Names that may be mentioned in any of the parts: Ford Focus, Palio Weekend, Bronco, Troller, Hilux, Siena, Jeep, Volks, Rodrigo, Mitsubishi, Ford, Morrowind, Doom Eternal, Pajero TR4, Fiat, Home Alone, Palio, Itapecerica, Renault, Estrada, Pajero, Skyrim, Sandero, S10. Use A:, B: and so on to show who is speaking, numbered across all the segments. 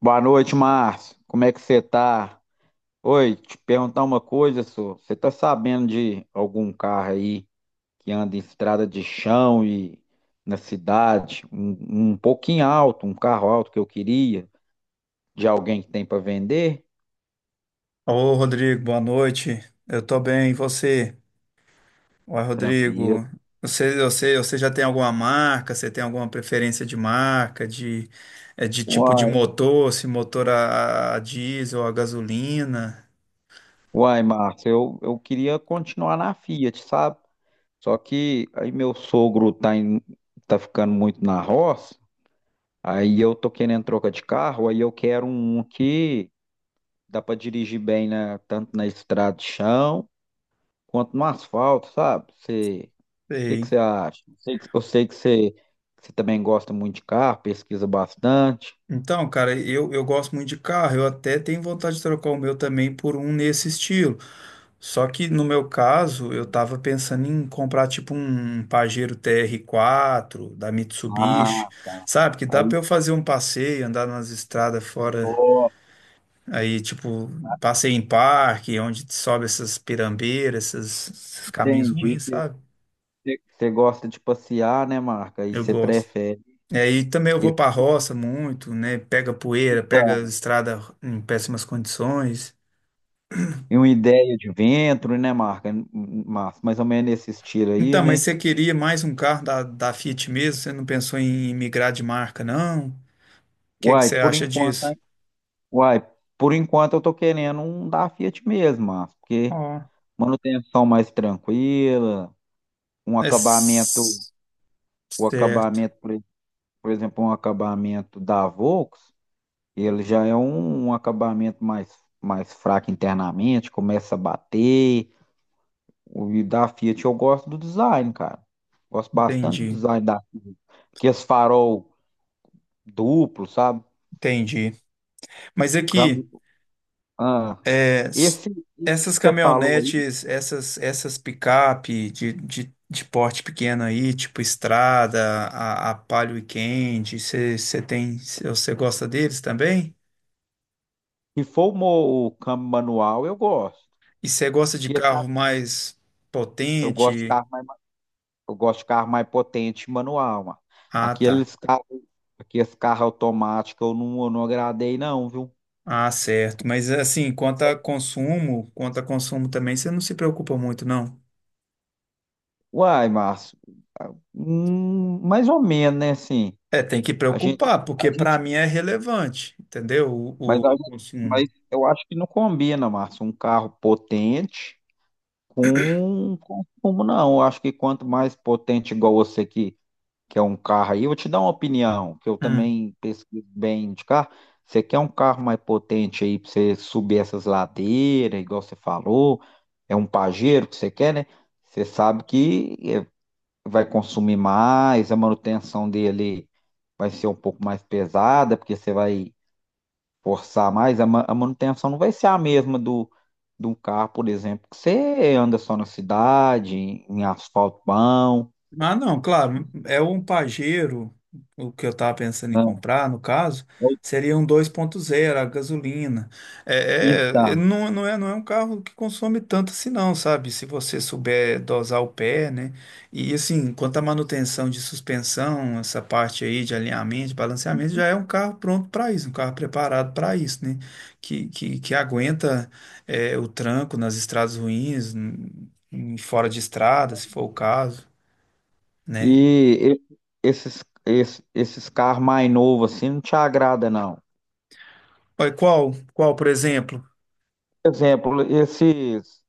A: Boa noite, Márcio. Como é que você tá? Oi, te perguntar uma coisa, senhor. Você tá sabendo de algum carro aí que anda em estrada de chão e na cidade, um pouquinho alto, um carro alto que eu queria, de alguém que tem para vender?
B: Ô, Rodrigo, boa noite. Eu tô bem, e você? Oi,
A: Tranquilo.
B: Rodrigo. Você já tem alguma marca? Você tem alguma preferência de marca, de, de tipo de
A: Uai,
B: motor, se motor a diesel, a gasolina?
A: uai, Márcio, eu queria continuar na Fiat, sabe? Só que aí meu sogro tá, tá ficando muito na roça, aí eu tô querendo troca de carro, aí eu quero um que dá pra dirigir bem na, tanto na estrada de chão quanto no asfalto, sabe? Você, o que que
B: Sei.
A: você acha? Eu sei que você também gosta muito de carro, pesquisa bastante.
B: Então, cara, eu gosto muito de carro. Eu até tenho vontade de trocar o meu também por um nesse estilo. Só que no meu caso, eu tava pensando em comprar tipo um Pajero TR4 da Mitsubishi,
A: Ah, tá.
B: sabe? Que dá
A: Aí,
B: pra eu fazer um passeio, andar nas estradas fora,
A: ó,
B: aí tipo, passeio em parque, onde sobe essas pirambeiras, esses caminhos
A: entendi.
B: ruins, sabe?
A: Você gosta de passear, né, Marca? E
B: Eu
A: você
B: gosto.
A: prefere
B: E aí também eu vou
A: e-
B: pra roça muito, né? Pega poeira, pega
A: então,
B: estrada em péssimas condições.
A: e uma ideia de ventre, né, Marca? Mas mais ou menos nesse estilo aí,
B: Então, mas
A: né?
B: você queria mais um carro da, da Fiat mesmo? Você não pensou em migrar de marca, não? Que
A: Uai,
B: você
A: por
B: acha
A: enquanto,
B: disso?
A: hein? Uai, por enquanto eu tô querendo um da Fiat mesmo, Márcio, porque
B: Ó,
A: manutenção mais tranquila, um
B: É
A: acabamento,
B: s-
A: o
B: certo,
A: acabamento, por exemplo, um acabamento da Volks, ele já é um acabamento mais, mais fraco internamente, começa a bater. O e da Fiat eu gosto do design, cara. Gosto bastante do
B: entendi,
A: design da Fiat. Que esse farol duplo, sabe?
B: entendi. Mas
A: Câmbio.
B: aqui,
A: Ah,
B: é, s-
A: esse, esse que
B: essas
A: você falou aí,
B: caminhonetes, essas picape de porte pequeno aí, tipo Estrada, a Palio Weekend, você tem, você gosta deles também?
A: se for o, o câmbio manual, eu gosto.
B: E você gosta de
A: Porque tá,
B: carro mais
A: eu gosto de
B: potente?
A: carro. Eu gosto de carro mais potente, manual, mano.
B: Ah, tá.
A: Aqueles carros, aqueles carros automáticos eu não agradei, não, viu?
B: Ah, certo. Mas assim, quanto a consumo também, você não se preocupa muito, não?
A: Uai, Márcio, mais ou menos, né, assim,
B: É, tem que preocupar,
A: a
B: porque para
A: gente,
B: mim é relevante, entendeu?
A: mas,
B: O consumo.
A: mas eu acho que não combina, Márcio, um carro potente com consumo, não, eu acho que quanto mais potente igual você que é um carro aí, eu vou te dar uma opinião, que eu
B: Hum.
A: também pesquiso bem de carro. Você quer um carro mais potente aí para você subir essas ladeiras, igual você falou? É um Pajero que você quer, né? Você sabe que vai consumir mais, a manutenção dele vai ser um pouco mais pesada, porque você vai forçar mais. A, a manutenção não vai ser a mesma do de um carro, por exemplo, que você anda só na cidade, em asfalto bom.
B: Ah, não, claro, é um Pajero, o que eu estava pensando em
A: Né?
B: comprar, no caso, seria um 2.0, a gasolina.
A: Então,
B: Não, não é, não é um carro que consome tanto assim não, sabe? Se você souber dosar o pé, né? E assim, quanto à manutenção de suspensão, essa parte aí de alinhamento, de balanceamento, já é um carro pronto para isso, um carro preparado para isso, né? Que aguenta é, o tranco nas estradas ruins, fora de estrada, se for o caso, né?
A: E e- esses, esses carros mais novos assim não te agrada, não.
B: Olha, qual, por exemplo?
A: Por exemplo, esses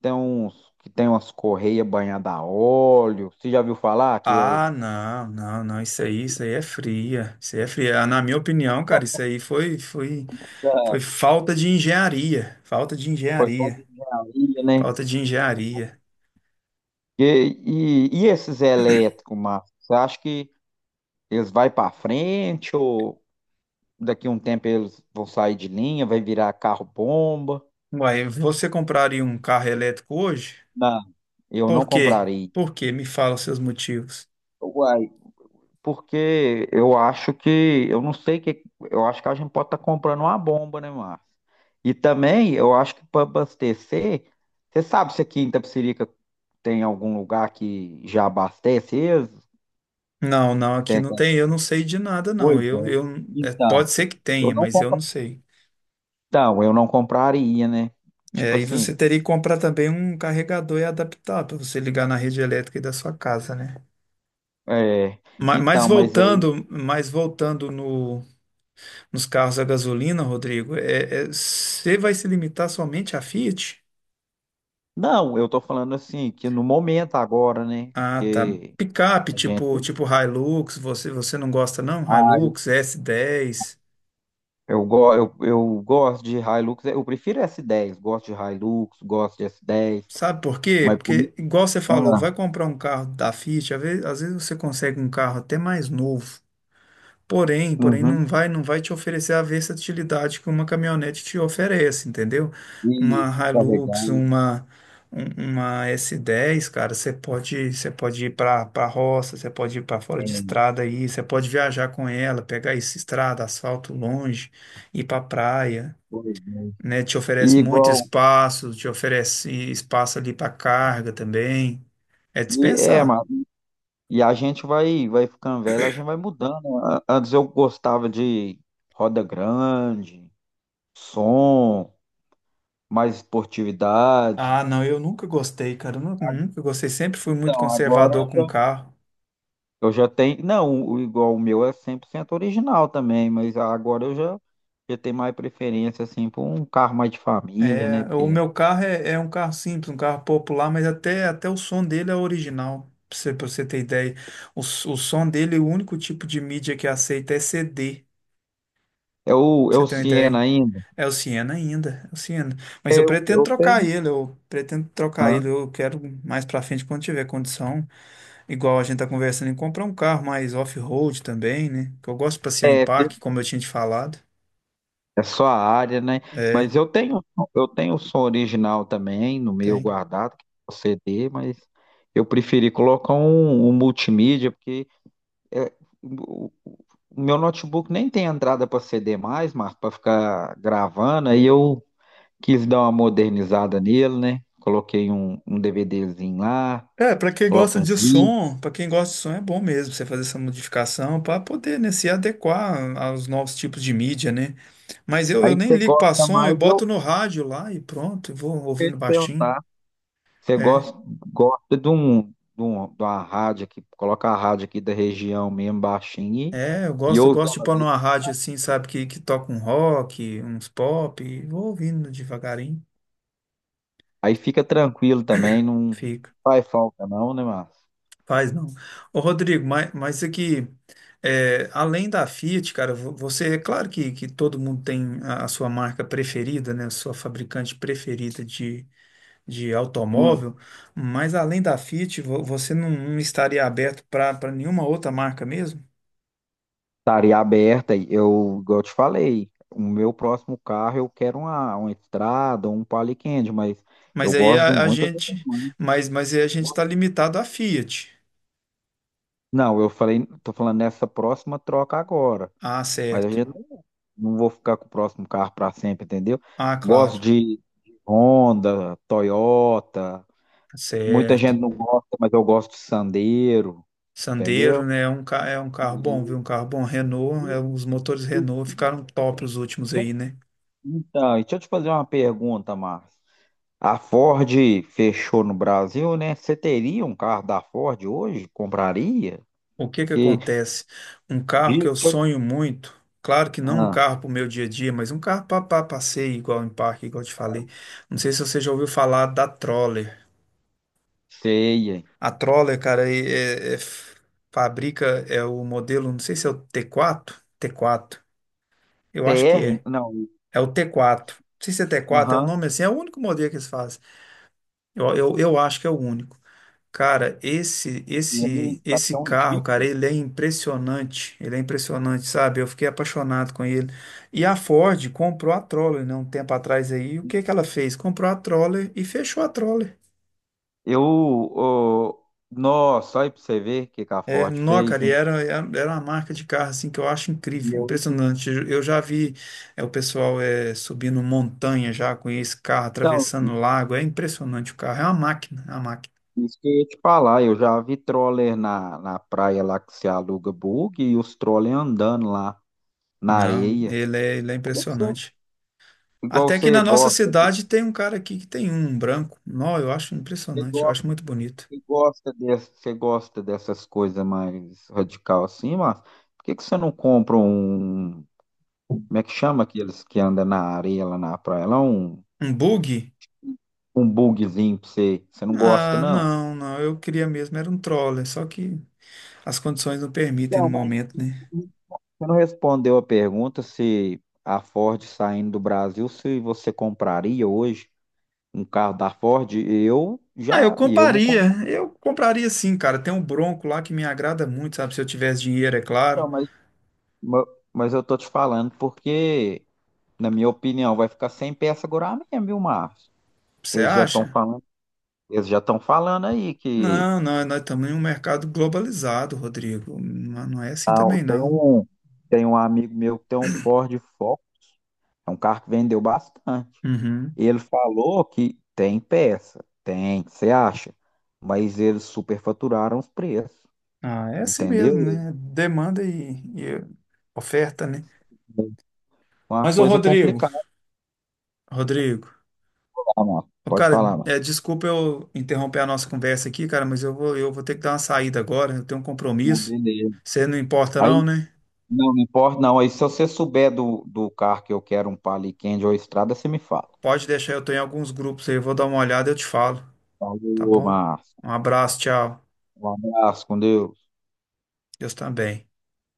A: tem uns que tem umas correias banhadas a óleo. Você já viu falar que
B: Ah, não, não, não, isso aí é fria, isso aí é fria. Ah, na minha opinião, cara, foi falta de engenharia,
A: foi só de engenharia, né?
B: falta de engenharia.
A: E, e esses elétricos, Márcio? Você acha que eles vão para frente ou daqui a um tempo eles vão sair de linha, vai virar carro bomba?
B: Uai, você compraria um carro elétrico hoje?
A: Não, eu não
B: Por quê?
A: comprarei.
B: Por quê? Me fala os seus motivos.
A: Porque eu não sei que, eu acho que a gente pode estar comprando uma bomba, né, Márcio? E também, eu acho que para abastecer, você sabe se aqui em Itapecerica tem algum lugar que já abastece eles?
B: Não, não, aqui
A: Tem
B: não
A: alguma
B: tem, eu não sei de nada, não.
A: coisa?
B: É,
A: Então,
B: pode ser que
A: eu
B: tenha,
A: não
B: mas eu
A: compro.
B: não sei.
A: Então, eu não compraria, né? Tipo
B: É, e
A: assim,
B: você teria que comprar também um carregador e adaptar para você ligar na rede elétrica aí da sua casa, né?
A: é,
B: Ma-
A: então, mas aí,
B: mas voltando no, nos carros a gasolina, Rodrigo, você vai se limitar somente a Fiat?
A: não, eu tô falando assim, que no momento agora, né?
B: Ah, tá.
A: Que
B: Picape,
A: a gente
B: tipo Hilux, você não gosta não? Hilux, S10.
A: Eu gosto de Hilux, eu prefiro S10, gosto de Hilux, gosto de S10,
B: Sabe por quê?
A: mas por...
B: Porque, igual você falou,
A: ah,
B: vai comprar um carro da Fiat, às vezes você consegue um carro até mais novo. Porém
A: uhum,
B: não vai, não vai te oferecer a versatilidade que uma caminhonete te oferece, entendeu?
A: e
B: Uma
A: carregar,
B: Hilux, uma S10, cara, você pode ir para roça, você pode ir para fora
A: é,
B: de estrada aí, você pode viajar com ela, pegar essa estrada, asfalto longe, ir para praia,
A: pois é.
B: né? Te
A: E
B: oferece muito
A: igual,
B: espaço, te oferece espaço ali para carga também. É
A: é,
B: dispensar.
A: mano, e a gente vai, vai ficando velho, a gente vai mudando. Antes eu gostava de roda grande, som, mais esportividade.
B: Ah, não, eu nunca gostei, cara. Nunca gostei. Sempre fui muito
A: Então, agora
B: conservador com carro.
A: eu já tenho. Não, o, igual o meu é 100% original também, mas já tenho mais preferência, assim, por um carro mais de família, né?
B: É, o
A: Porque
B: meu carro é um carro simples, um carro popular, mas até o som dele é original, pra você ter ideia. O som dele, o único tipo de mídia que aceita é CD,
A: é
B: pra
A: é
B: você
A: o
B: ter uma
A: Siena
B: ideia.
A: ainda.
B: É o Siena ainda, é o Siena. Mas eu pretendo
A: Eu
B: trocar
A: tenho.
B: ele, eu pretendo trocar
A: Hã?
B: ele. Eu quero mais pra frente, quando tiver condição, igual a gente tá conversando, em comprar um carro mais off-road também, né? Que eu gosto de passear em parque, como eu tinha te falado.
A: É só a área, né?
B: É,
A: Mas eu tenho o som original também no meu
B: tem.
A: guardado, que é o CD, mas eu preferi colocar um multimídia, porque é, o, o meu notebook nem tem entrada para CD mais, Marco, para ficar gravando, aí eu quis dar uma modernizada nele, né? Coloquei um DVDzinho lá,
B: É, pra quem
A: coloco
B: gosta
A: uns
B: de
A: vídeos.
B: som, pra quem gosta de som é bom mesmo você fazer essa modificação pra poder, né, se adequar aos novos tipos de mídia, né? Mas eu
A: Aí
B: nem
A: você
B: ligo pra
A: gosta
B: som, eu
A: mais, eu
B: boto
A: vou
B: no rádio lá e pronto, eu vou
A: te
B: ouvindo baixinho.
A: perguntar. Você
B: É,
A: gosta, gosta de um, de de uma rádio aqui, coloca a rádio aqui da região mesmo, baixinho, e
B: eu
A: ouve
B: gosto de
A: ela
B: pôr
A: ali.
B: numa rádio assim, sabe, que toca um rock, uns pop, e vou ouvindo devagarinho,
A: Aí fica tranquilo também, não
B: fica.
A: faz falta não, né, Márcio?
B: Faz não. Ô, Rodrigo, mas isso aqui, é, além da Fiat, cara, você, é claro que todo mundo tem a sua marca preferida, né? A sua fabricante preferida de
A: Hum.
B: automóvel, mas além da Fiat, você não, não estaria aberto para nenhuma outra marca mesmo?
A: Estaria aberta, e eu, igual eu te falei, o meu próximo carro eu quero uma estrada, um Palio Quente, mas eu
B: Mas aí
A: gosto de
B: a, a
A: muitas outras
B: gente,
A: marcas.
B: mas aí a gente está limitado à Fiat.
A: Não, eu falei, tô falando nessa próxima troca agora.
B: Ah,
A: Mas a
B: certo.
A: gente não, não vou ficar com o próximo carro para sempre, entendeu?
B: Ah, claro.
A: Gosto de Honda, Toyota. Muita
B: Certo.
A: gente não gosta, mas eu gosto de Sandero,
B: Sandero,
A: entendeu?
B: né? É um, é um carro bom, viu?
A: E,
B: Um carro bom. Renault,
A: e-
B: é, os motores
A: e-
B: Renault ficaram top os últimos
A: deixa-
B: aí, né?
A: então, e deixa eu te fazer uma pergunta, Márcio. A Ford fechou no Brasil, né? Você teria um carro da Ford hoje? Compraria?
B: O que que
A: Porque,
B: acontece? Um carro que
A: vi
B: eu
A: que eu te-
B: sonho muito, claro que não um
A: Ah,
B: carro para o meu dia a dia, mas um carro para passeio, igual em parque, igual eu te falei. Não sei se você já ouviu falar da Troller.
A: sei, hein?
B: A Troller, cara, fabrica, é o modelo, não sei se é o T4, eu acho que
A: TR?
B: é.
A: Não.
B: É o T4. Não sei se é T4, é o
A: Aham.
B: nome assim, é o único modelo que eles fazem. Eu acho que é o único. Cara, esse
A: E
B: esse
A: ele
B: esse
A: bateu um
B: carro,
A: Jeep.
B: cara, ele é impressionante. Ele é impressionante, sabe? Eu fiquei apaixonado com ele. E a Ford comprou a Troller, né, um tempo atrás aí. E o
A: Né?
B: que que ela fez? Comprou a Troller e fechou a Troller.
A: Eu, ô, nossa, olha aí pra você ver o que que a
B: É,
A: Ford
B: nó,
A: fez,
B: cara, e
A: hein?
B: era uma marca de carro assim que eu acho
A: E
B: incrível,
A: eu,
B: impressionante. Eu já vi o pessoal é, subindo montanha já com esse carro,
A: então,
B: atravessando lago. É impressionante o carro, é uma máquina, é uma máquina.
A: isso que eu ia te falar, eu já vi troller na, na praia lá que se aluga bug e os troller andando lá na
B: Não,
A: areia.
B: ele é
A: Que
B: impressionante.
A: Igual
B: Até que
A: você
B: na nossa
A: gosta, de-
B: cidade tem um cara aqui que tem um branco. Não, eu acho
A: você
B: impressionante, eu
A: gosta,
B: acho muito bonito.
A: você gosta desse, você gosta dessas coisas mais radical assim, mas por que que você não compra um, como é que chama aqueles que andam na areia lá na praia? Lá um
B: Um bug?
A: um bugzinho pra você. Você não gosta,
B: Ah,
A: não?
B: não, não, eu queria mesmo, era um troller, só que as condições não permitem no
A: Não, mas
B: momento, né?
A: você não respondeu a pergunta se a Ford saindo do Brasil, se você compraria hoje um carro da Ford? Eu
B: Ah,
A: já, eu não compro,
B: eu compraria sim, cara. Tem um Bronco lá que me agrada muito, sabe? Se eu tivesse dinheiro, é claro.
A: não, mas, ma- mas eu tô te falando porque, na minha opinião, vai ficar sem peça agora mesmo, viu, Márcio?
B: Você
A: Eles já estão
B: acha?
A: falando, eles já estão falando aí que
B: Não, não, nós estamos em um mercado globalizado, Rodrigo. Não é assim
A: ah,
B: também,
A: tem
B: não.
A: um, tem um amigo meu que tem um Ford Focus, é um carro que vendeu bastante.
B: Uhum.
A: Ele falou que tem peça, tem, você acha? Mas eles superfaturaram os preços,
B: Ah, é assim
A: entendeu?
B: mesmo, né? Demanda e oferta, né?
A: É uma
B: Mas, ô
A: coisa
B: Rodrigo,
A: complicada,
B: Rodrigo,
A: Márcio.
B: ô,
A: Pode
B: cara,
A: falar,
B: é,
A: Márcio.
B: desculpa eu interromper a nossa conversa aqui, cara, mas eu vou ter que dar uma saída agora, eu tenho um
A: Não,
B: compromisso.
A: beleza.
B: Você não importa
A: Aí,
B: não, né?
A: não, não importa, não. Aí, se você souber do, do carro que eu quero, um Palio Candy ou Estrada, você me fala.
B: Pode deixar, eu tô em alguns grupos aí, eu vou dar uma olhada e eu te falo, tá
A: Falou,
B: bom?
A: Márcio.
B: Um abraço, tchau.
A: Um abraço, com Deus.
B: Deus também.